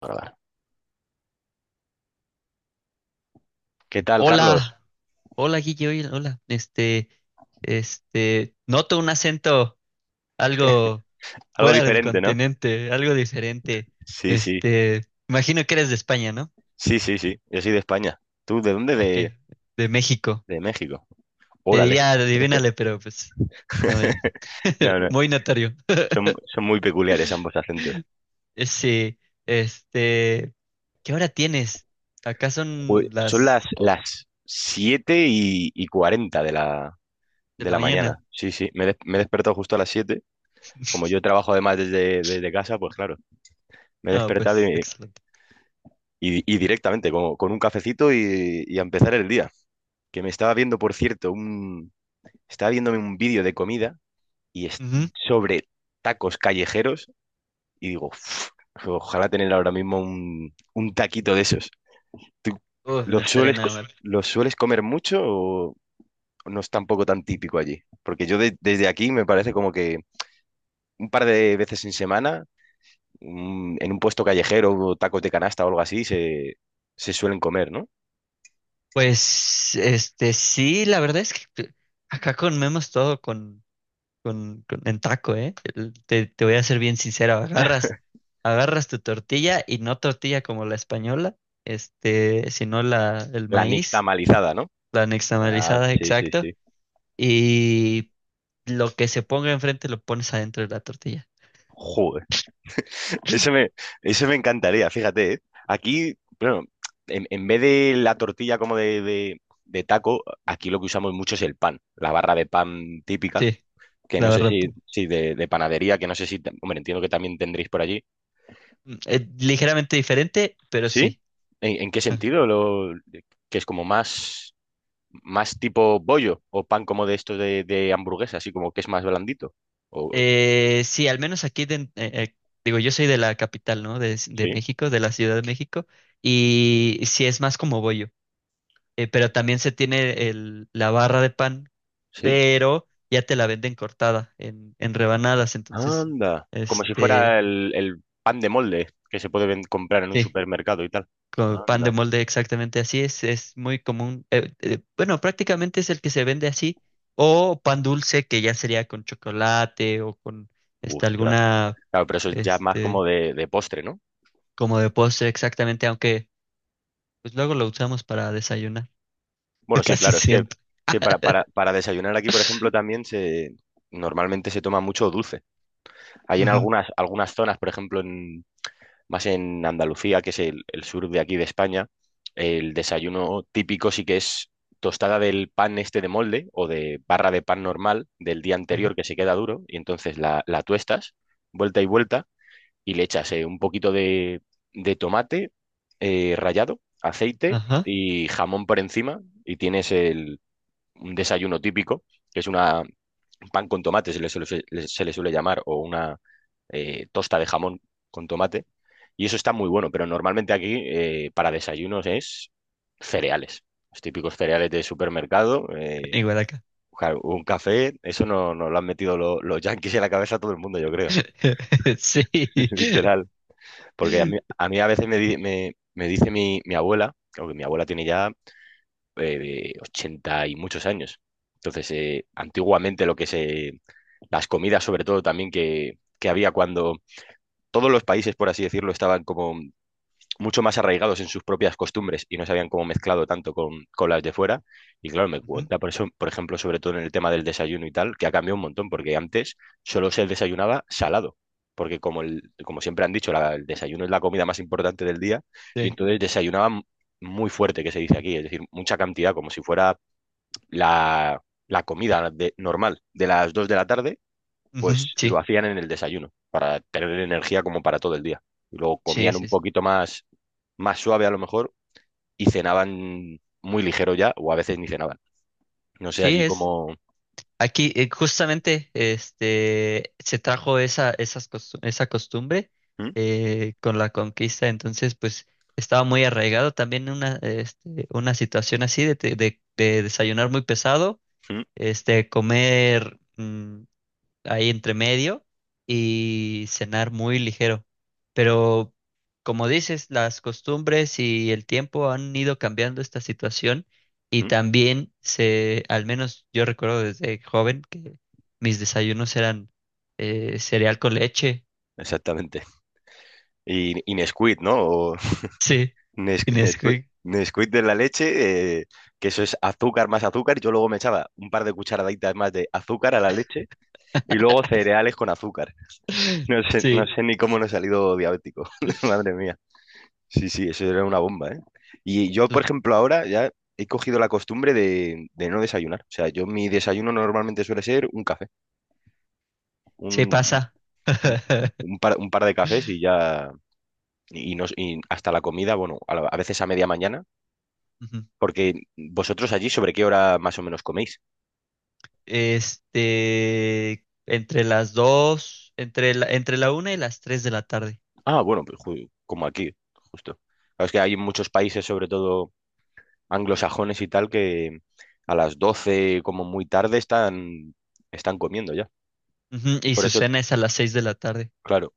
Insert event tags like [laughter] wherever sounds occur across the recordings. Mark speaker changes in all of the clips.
Speaker 1: Grabar. ¿Qué tal, Carlos?
Speaker 2: Hola, hola Guille, oye, hola. Noto un acento algo
Speaker 1: Algo
Speaker 2: fuera del
Speaker 1: diferente, ¿no?
Speaker 2: continente, algo diferente.
Speaker 1: Sí, sí,
Speaker 2: Este, Imagino que eres de España, ¿no?
Speaker 1: sí, sí, sí. Yo soy de España. ¿Tú de dónde?
Speaker 2: Aquí,
Speaker 1: De,
Speaker 2: de México.
Speaker 1: de México.
Speaker 2: Te
Speaker 1: Órale.
Speaker 2: diría, adivínale, pero pues, no,
Speaker 1: [laughs] No,
Speaker 2: [laughs]
Speaker 1: no.
Speaker 2: muy notorio.
Speaker 1: Son muy peculiares ambos acentos.
Speaker 2: [laughs] Sí, este, ¿qué hora tienes? Acá son
Speaker 1: Son las,
Speaker 2: las
Speaker 1: las siete y 40 de la,
Speaker 2: de
Speaker 1: de
Speaker 2: la
Speaker 1: la
Speaker 2: mañana.
Speaker 1: mañana. Sí, sí. Me he despertado justo a las 7. Como yo
Speaker 2: [laughs]
Speaker 1: trabajo además desde casa, pues claro, me he
Speaker 2: No,
Speaker 1: despertado
Speaker 2: pues,
Speaker 1: y,
Speaker 2: excelente.
Speaker 1: y- y directamente con un cafecito y a empezar el día. Que me estaba viendo, por cierto. Estaba viéndome un vídeo de comida y es
Speaker 2: Ujú.
Speaker 1: sobre tacos callejeros y digo: "Uf, ojalá tener ahora mismo un taquito de esos." ¿Tú
Speaker 2: Uf, no
Speaker 1: los
Speaker 2: estaría
Speaker 1: sueles,
Speaker 2: nada
Speaker 1: co-
Speaker 2: mal.
Speaker 1: los sueles comer mucho o no es tampoco tan típico allí? Porque yo desde aquí me parece como que un par de veces en semana, en un puesto callejero, o tacos de canasta o algo así, se suelen comer, ¿no?
Speaker 2: Pues, sí, la verdad es que acá comemos todo con- en taco, ¿eh? Te voy a ser bien sincero, agarras tu tortilla y no tortilla como la española, sino el
Speaker 1: La
Speaker 2: maíz,
Speaker 1: nixtamalizada, ¿no?
Speaker 2: la
Speaker 1: Ah,
Speaker 2: nixtamalizada,
Speaker 1: sí, sí,
Speaker 2: exacto,
Speaker 1: sí.
Speaker 2: y lo que se ponga enfrente lo pones adentro de la tortilla.
Speaker 1: Joder. Eso me, eso me encantaría, fíjate, ¿eh? Aquí, bueno, en vez de la tortilla como de taco, aquí lo que usamos mucho es el pan, la barra de pan típica,
Speaker 2: Sí,
Speaker 1: que
Speaker 2: la
Speaker 1: no sé
Speaker 2: verdad.
Speaker 1: si de panadería, que no sé si, hombre, entiendo que también tendréis por allí.
Speaker 2: Ligeramente diferente, pero
Speaker 1: ¿Sí?
Speaker 2: sí.
Speaker 1: ¿En qué sentido? Que es como más tipo bollo o pan como de estos de hamburguesa, así como que es más blandito. O,
Speaker 2: Sí, al menos aquí, digo, yo soy de la capital, ¿no? De
Speaker 1: ¿Sí?
Speaker 2: México, de la Ciudad de México, y sí es más como bollo, pero también se tiene la barra de pan,
Speaker 1: ¿Sí?
Speaker 2: pero ya te la venden cortada en rebanadas, entonces,
Speaker 1: Anda. Como si fuera
Speaker 2: este,
Speaker 1: el pan de molde que se puede comprar en un
Speaker 2: sí,
Speaker 1: supermercado y tal.
Speaker 2: con pan de
Speaker 1: Anda.
Speaker 2: molde exactamente así es muy común, bueno, prácticamente es el que se vende así, o pan dulce, que ya sería con chocolate o con,
Speaker 1: Ostras.
Speaker 2: alguna...
Speaker 1: Claro, pero eso es ya más
Speaker 2: Este,
Speaker 1: como de postre, ¿no?
Speaker 2: Como de postre exactamente, aunque pues luego lo usamos para desayunar,
Speaker 1: Bueno,
Speaker 2: [laughs]
Speaker 1: sí,
Speaker 2: casi
Speaker 1: claro, es que, es
Speaker 2: siempre.
Speaker 1: que para desayunar aquí, por ejemplo,
Speaker 2: [laughs]
Speaker 1: también se normalmente se toma mucho dulce. Hay en
Speaker 2: Ujú,
Speaker 1: algunas zonas, por ejemplo, más en Andalucía, que es el sur de aquí de España. El desayuno típico sí que es tostada del pan este de molde o de barra de pan normal del día
Speaker 2: ajá,
Speaker 1: anterior, que se queda duro, y entonces la tuestas vuelta y vuelta y le echas un poquito de tomate rallado, aceite
Speaker 2: ajá,
Speaker 1: y jamón por encima, y tienes un desayuno típico, que es una pan con tomate, se le suele, llamar, o una tosta de jamón con tomate. Y eso está muy bueno, pero normalmente aquí, para desayunos, es cereales, los típicos cereales de supermercado.
Speaker 2: igual acá.
Speaker 1: Claro, un café, eso no lo han metido los yanquis en la cabeza a todo el mundo, yo creo,
Speaker 2: [laughs] Sí,
Speaker 1: [laughs] literal. Porque a
Speaker 2: ujú,
Speaker 1: mí a, mí a, veces me, me dice mi abuela, aunque mi abuela tiene ya, 80 y muchos años. Entonces, antiguamente lo que se las comidas sobre todo también que había cuando todos los países, por así decirlo, estaban como mucho más arraigados en sus propias costumbres y no se habían como mezclado tanto con las de fuera. Y claro, me cuenta por eso, por ejemplo, sobre todo en el tema del desayuno y tal, que ha cambiado un montón, porque antes solo se desayunaba salado, porque como siempre han dicho, el desayuno es la comida más importante del día, y
Speaker 2: sí.
Speaker 1: entonces desayunaban muy fuerte, que se dice aquí, es decir, mucha cantidad, como si fuera la comida normal de las 2 de la tarde,
Speaker 2: Ujú,
Speaker 1: pues lo
Speaker 2: sí,
Speaker 1: hacían en el desayuno, para tener energía como para todo el día. Y luego
Speaker 2: sí,
Speaker 1: comían un
Speaker 2: sí, sí.
Speaker 1: poquito más suave a lo mejor, y cenaban muy ligero ya, o a veces ni cenaban. No sé,
Speaker 2: Sí.
Speaker 1: allí como.
Speaker 2: Aquí justamente se trajo esa costumbre
Speaker 1: ¿Mm?
Speaker 2: con la conquista, entonces pues estaba muy arraigado también una situación así de desayunar muy pesado,
Speaker 1: ¿Mm?
Speaker 2: comer ahí entre medio y cenar muy ligero. Pero como dices, las costumbres y el tiempo han ido cambiando esta situación y
Speaker 1: ¿Mm?
Speaker 2: también al menos yo recuerdo desde joven que mis desayunos eran cereal con leche. [laughs]
Speaker 1: Exactamente. Y Nesquik, ¿no? O [laughs]
Speaker 2: Sí, y
Speaker 1: Nesquik,
Speaker 2: Nesquik,
Speaker 1: Nesquik de la leche, que eso es azúcar más azúcar, y yo luego me echaba un par de cucharaditas más de azúcar a la leche y luego cereales con azúcar. No
Speaker 2: sí,
Speaker 1: sé ni cómo no he salido diabético, [laughs] madre mía. Sí, sí, eso era una bomba, ¿eh? Y yo,
Speaker 2: pues,
Speaker 1: por ejemplo, ahora ya he cogido la costumbre de no desayunar. O sea, yo mi desayuno normalmente suele ser un café,
Speaker 2: sí
Speaker 1: un,
Speaker 2: pasa.
Speaker 1: un- un
Speaker 2: [laughs]
Speaker 1: par, un par de cafés y ya, y, no, y hasta la comida, bueno, a veces a media mañana,
Speaker 2: Ujú.
Speaker 1: porque vosotros allí, ¿sobre qué hora más o menos coméis?
Speaker 2: Entre las dos, entre la una y las tres de la tarde.
Speaker 1: Ah, bueno, pues como aquí, justo. Claro, es que hay muchos países, sobre todo anglosajones y tal, que a las 12 como muy tarde, están comiendo ya.
Speaker 2: Ujú. Y
Speaker 1: Por
Speaker 2: su
Speaker 1: eso,
Speaker 2: cena es a las 6 de la tarde.
Speaker 1: claro.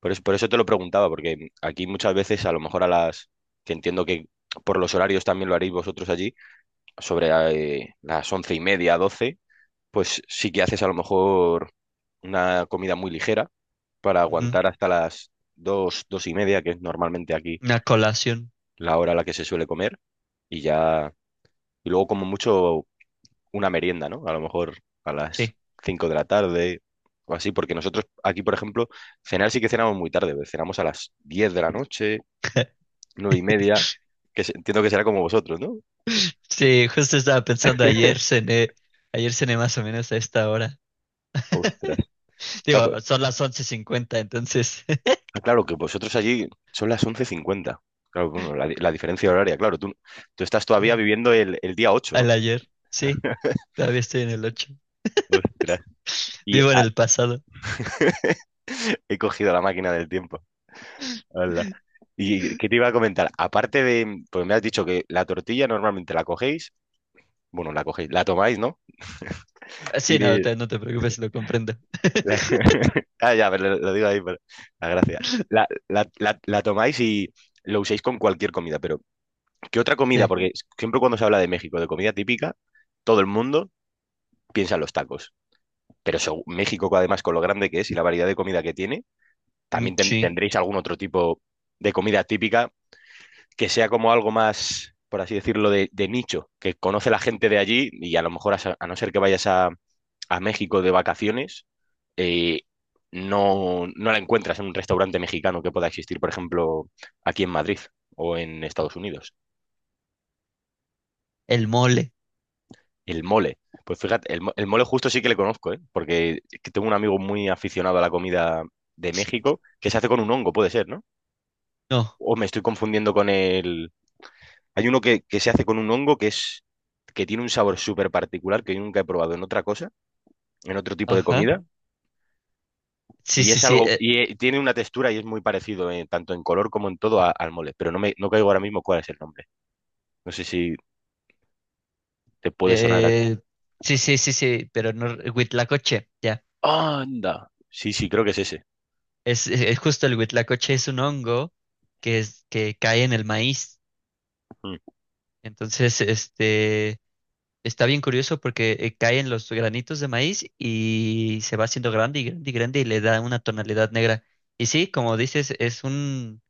Speaker 1: Por eso te lo preguntaba, porque aquí muchas veces, a lo mejor a las que entiendo que por los horarios también lo haréis vosotros allí, sobre las once y media, doce, pues sí que haces a lo mejor una comida muy ligera para
Speaker 2: Ujú.
Speaker 1: aguantar hasta las dos, dos y media, que es normalmente aquí
Speaker 2: Una colación.
Speaker 1: la hora a la que se suele comer, y ya, y luego como mucho una merienda, ¿no? A lo mejor a las
Speaker 2: Sí.
Speaker 1: cinco de la tarde o así, porque nosotros aquí, por ejemplo, cenar sí que cenamos muy tarde, cenamos a las diez de la noche,
Speaker 2: [laughs]
Speaker 1: nueve y media, que entiendo que será como vosotros, ¿no?
Speaker 2: Sí, justo estaba pensando, ayer cené más o menos a esta hora.
Speaker 1: Ostras.
Speaker 2: [laughs]
Speaker 1: Claro,
Speaker 2: Digo, son las 11:50 entonces. [laughs]
Speaker 1: ah, claro, que vosotros allí son las 11:50. Claro, bueno, la diferencia horaria, claro, tú estás todavía
Speaker 2: Claro,
Speaker 1: viviendo el día ocho, ¿no?
Speaker 2: al ayer. Sí, todavía estoy en el 8.
Speaker 1: Ostras. Y
Speaker 2: Vivo en
Speaker 1: ah,
Speaker 2: el pasado.
Speaker 1: [laughs] he cogido la máquina del tiempo. Hala.
Speaker 2: [laughs]
Speaker 1: ¿Y qué te iba a comentar? Aparte de, pues me has dicho que la tortilla normalmente la cogéis, bueno, la cogéis, la tomáis, ¿no?
Speaker 2: Ah,
Speaker 1: Y
Speaker 2: sí, no,
Speaker 1: de-
Speaker 2: no te preocupes, lo comprendo.
Speaker 1: la-
Speaker 2: [laughs]
Speaker 1: [laughs] Ah, ya, pero lo digo ahí, pero. La gracia. La tomáis y lo uséis con cualquier comida, pero ¿qué otra comida?
Speaker 2: Sí,
Speaker 1: Porque siempre cuando se habla de México, de comida típica, todo el mundo piensa en los tacos. Pero eso, México, además, con lo grande que es y la variedad de comida que tiene,
Speaker 2: mm,
Speaker 1: también
Speaker 2: sí.
Speaker 1: tendréis algún otro tipo de comida típica que sea como algo más, por así decirlo, de nicho, que conoce la gente de allí, y a lo mejor, a no ser que vayas a México de vacaciones, eh, no la encuentras en un restaurante mexicano que pueda existir, por ejemplo, aquí en Madrid o en Estados Unidos.
Speaker 2: El mole.
Speaker 1: El mole. Pues fíjate, el mole justo sí que le conozco, ¿eh? Porque es que tengo un amigo muy aficionado a la comida de México, que se hace con un hongo, puede ser, ¿no?
Speaker 2: No,
Speaker 1: O me estoy confundiendo con el. Hay uno que, se hace con un hongo, que es que tiene un sabor súper particular, que yo nunca he probado en otra cosa, en otro tipo de
Speaker 2: ajá.
Speaker 1: comida,
Speaker 2: Sí,
Speaker 1: y
Speaker 2: sí,
Speaker 1: es
Speaker 2: sí.
Speaker 1: algo, y tiene una textura y es muy parecido, tanto en color como en todo al mole, pero no caigo ahora mismo cuál es el nombre. No sé si te puede sonar a.
Speaker 2: Eh, sí, sí, sí, sí, pero no, Huitlacoche, ya.
Speaker 1: ¡Anda! Sí, sí, creo que es ese.
Speaker 2: Es justo el huitlacoche, es un hongo que cae en el maíz.
Speaker 1: Mm.
Speaker 2: Entonces, está bien curioso porque cae en los granitos de maíz y se va haciendo grande y grande y grande y le da una tonalidad negra. Y sí, como dices, es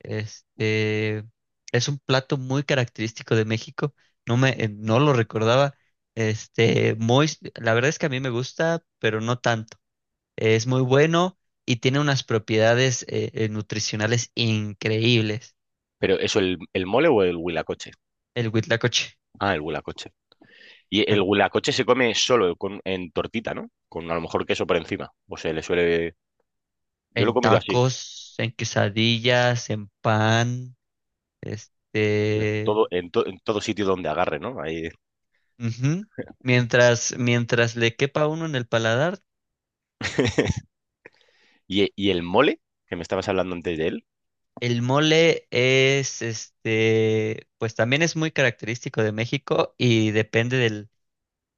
Speaker 2: este, un plato muy característico de México. No lo recordaba. Este, muy, la verdad es que a mí me gusta, pero no tanto. Es muy bueno y tiene unas propiedades nutricionales increíbles.
Speaker 1: Pero ¿eso el mole o el huilacoche?
Speaker 2: El huitlacoche.
Speaker 1: Ah, el huelacoche. Y el
Speaker 2: Ajá.
Speaker 1: huelacoche se come solo en tortita, ¿no? Con a lo mejor queso por encima. O se le suele. Yo lo he
Speaker 2: En
Speaker 1: comido así.
Speaker 2: tacos, en quesadillas, en pan, este...
Speaker 1: Todo, en todo sitio donde agarre, ¿no? Ahí.
Speaker 2: Ujú. Mientras le quepa a uno en el paladar,
Speaker 1: [laughs] Y el mole, que me estabas hablando antes de él,
Speaker 2: el mole pues también es muy característico de México y depende del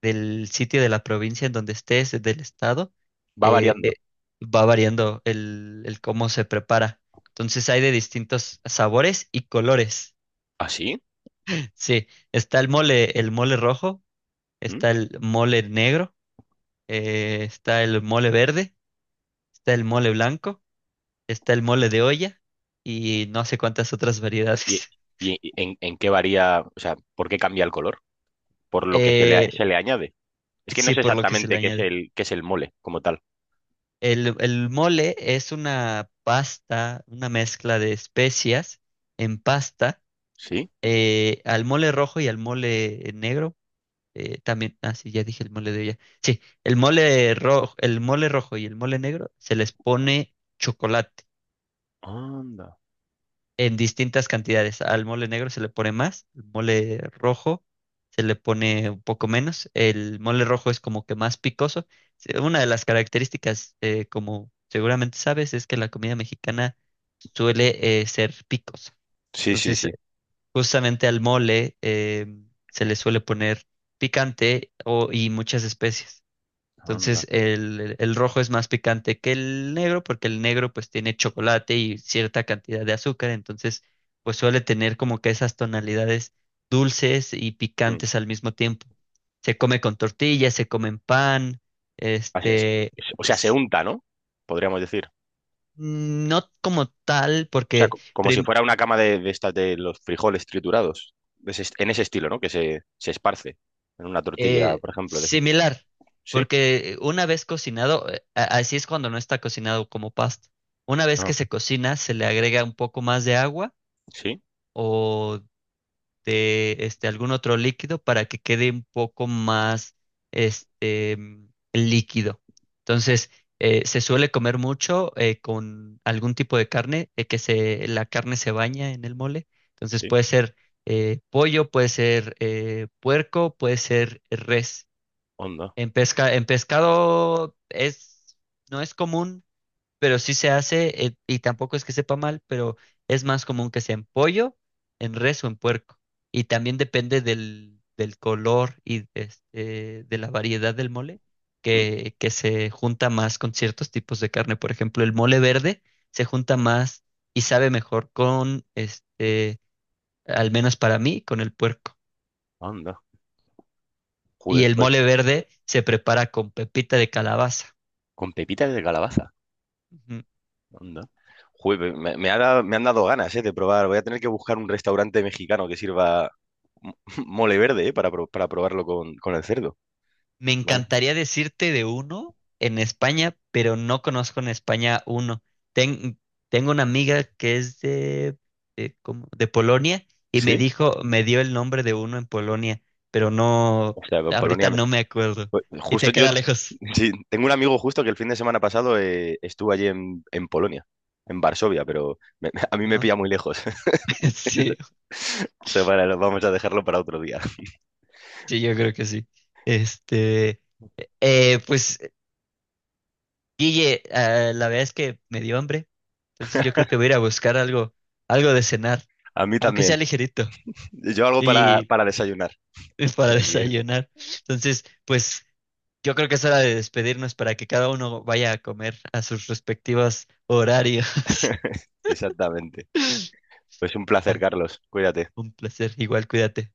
Speaker 2: del sitio de la provincia en donde estés, del estado,
Speaker 1: va
Speaker 2: eh,
Speaker 1: variando.
Speaker 2: eh, va variando el cómo se prepara. Entonces hay de distintos sabores y colores.
Speaker 1: ¿Ah, sí?
Speaker 2: [laughs] Sí, está el mole rojo,
Speaker 1: ¿Mm?
Speaker 2: está el mole negro, está el mole verde, está el mole blanco, está el mole de olla y no sé cuántas otras
Speaker 1: ¿Y,
Speaker 2: variedades. [laughs]
Speaker 1: en qué varía? O sea, ¿por qué cambia el color? Por lo que se le, a-
Speaker 2: Eh,
Speaker 1: se le añade. Es que no
Speaker 2: sí,
Speaker 1: sé
Speaker 2: por lo que se le
Speaker 1: exactamente qué es
Speaker 2: añade.
Speaker 1: el, qué es el mole como tal.
Speaker 2: El mole es una pasta, una mezcla de especias en pasta,
Speaker 1: ¿Sí?
Speaker 2: al mole rojo y al mole negro. También, ah, sí, ya dije el mole de ella. Sí, el mole rojo y el mole negro se les pone chocolate
Speaker 1: Anda.
Speaker 2: en distintas cantidades. Al mole negro se le pone más, al mole rojo se le pone un poco menos. El mole rojo es como que más picoso. Una de las características, como seguramente sabes, es que la comida mexicana suele ser picosa.
Speaker 1: Sí, sí,
Speaker 2: Entonces,
Speaker 1: sí.
Speaker 2: justamente al mole se le suele poner picante y muchas especies.
Speaker 1: Anda.
Speaker 2: Entonces el rojo es más picante que el negro porque el negro pues tiene chocolate y cierta cantidad de azúcar, entonces pues suele tener como que esas tonalidades dulces y
Speaker 1: Mm.
Speaker 2: picantes al mismo tiempo. Se come con tortillas, se come en pan,
Speaker 1: Así es.
Speaker 2: este,
Speaker 1: O sea, se
Speaker 2: es-
Speaker 1: unta, ¿no? Podríamos decir.
Speaker 2: no como tal
Speaker 1: O sea,
Speaker 2: porque
Speaker 1: como si
Speaker 2: prim-
Speaker 1: fuera una cama de estas de los frijoles triturados. De ese est-, en ese estilo, ¿no? Que se esparce en una tortilla, por ejemplo.
Speaker 2: similar,
Speaker 1: Sí,
Speaker 2: porque una vez cocinado, así es cuando no está cocinado como pasta. Una vez que
Speaker 1: no,
Speaker 2: se cocina, se le agrega un poco más de agua
Speaker 1: sí,
Speaker 2: o algún otro líquido para que quede un poco más líquido. Entonces, se suele comer mucho con algún tipo de carne, la carne se baña en el mole. Entonces,
Speaker 1: sí,
Speaker 2: puede ser pollo, puede ser puerco, puede ser res.
Speaker 1: onda,
Speaker 2: En pescado no es común pero sí se hace, y tampoco es que sepa mal, pero es más común que sea en pollo, en res o en puerco. Y también depende del color y de la variedad del mole,
Speaker 1: mm,
Speaker 2: que se junta más con ciertos tipos de carne. Por ejemplo, el mole verde se junta más y sabe mejor al menos para mí, con el puerco.
Speaker 1: onda.
Speaker 2: Y
Speaker 1: Joder,
Speaker 2: el
Speaker 1: pues
Speaker 2: mole verde se prepara con pepita de calabaza.
Speaker 1: con pepitas de calabaza.
Speaker 2: Ujú.
Speaker 1: Onda. Joder, me han dado ganas, de probar. Voy a tener que buscar un restaurante mexicano que sirva mo- [laughs] mole verde, para probarlo con el cerdo.
Speaker 2: Me
Speaker 1: ¿Vale?
Speaker 2: encantaría decirte de uno en España, pero no conozco en España uno. Ten- Tengo una amiga que es ¿cómo? De Polonia y me
Speaker 1: Sí.
Speaker 2: dijo, me dio el nombre de uno en Polonia, pero no,
Speaker 1: O sea, Polonia.
Speaker 2: ahorita no me acuerdo.
Speaker 1: Pues,
Speaker 2: Y
Speaker 1: justo
Speaker 2: te
Speaker 1: yo,
Speaker 2: queda lejos.
Speaker 1: [laughs] sí, tengo un amigo justo que el fin de semana pasado, estuvo allí en Polonia, en Varsovia, pero [laughs] a mí me
Speaker 2: Ajá.
Speaker 1: pilla muy lejos. [laughs]
Speaker 2: [laughs] Sí,
Speaker 1: O sea, vale, vamos a dejarlo para otro día.
Speaker 2: sí, yo creo que sí. Este, eh, pues, Guille, ah, la verdad es que me dio hambre, entonces yo creo que voy a ir a buscar algo de cenar,
Speaker 1: A mí
Speaker 2: aunque sea
Speaker 1: también.
Speaker 2: ligerito.
Speaker 1: Yo algo para,
Speaker 2: Y
Speaker 1: para desayunar
Speaker 2: [laughs] para
Speaker 1: por aquí.
Speaker 2: desayunar. Entonces, pues yo creo que es hora de despedirnos para que cada uno vaya a comer a sus respectivos horarios. [laughs]
Speaker 1: Exactamente. Pues un placer,
Speaker 2: Ah,
Speaker 1: Carlos. Cuídate.
Speaker 2: un placer, igual cuídate.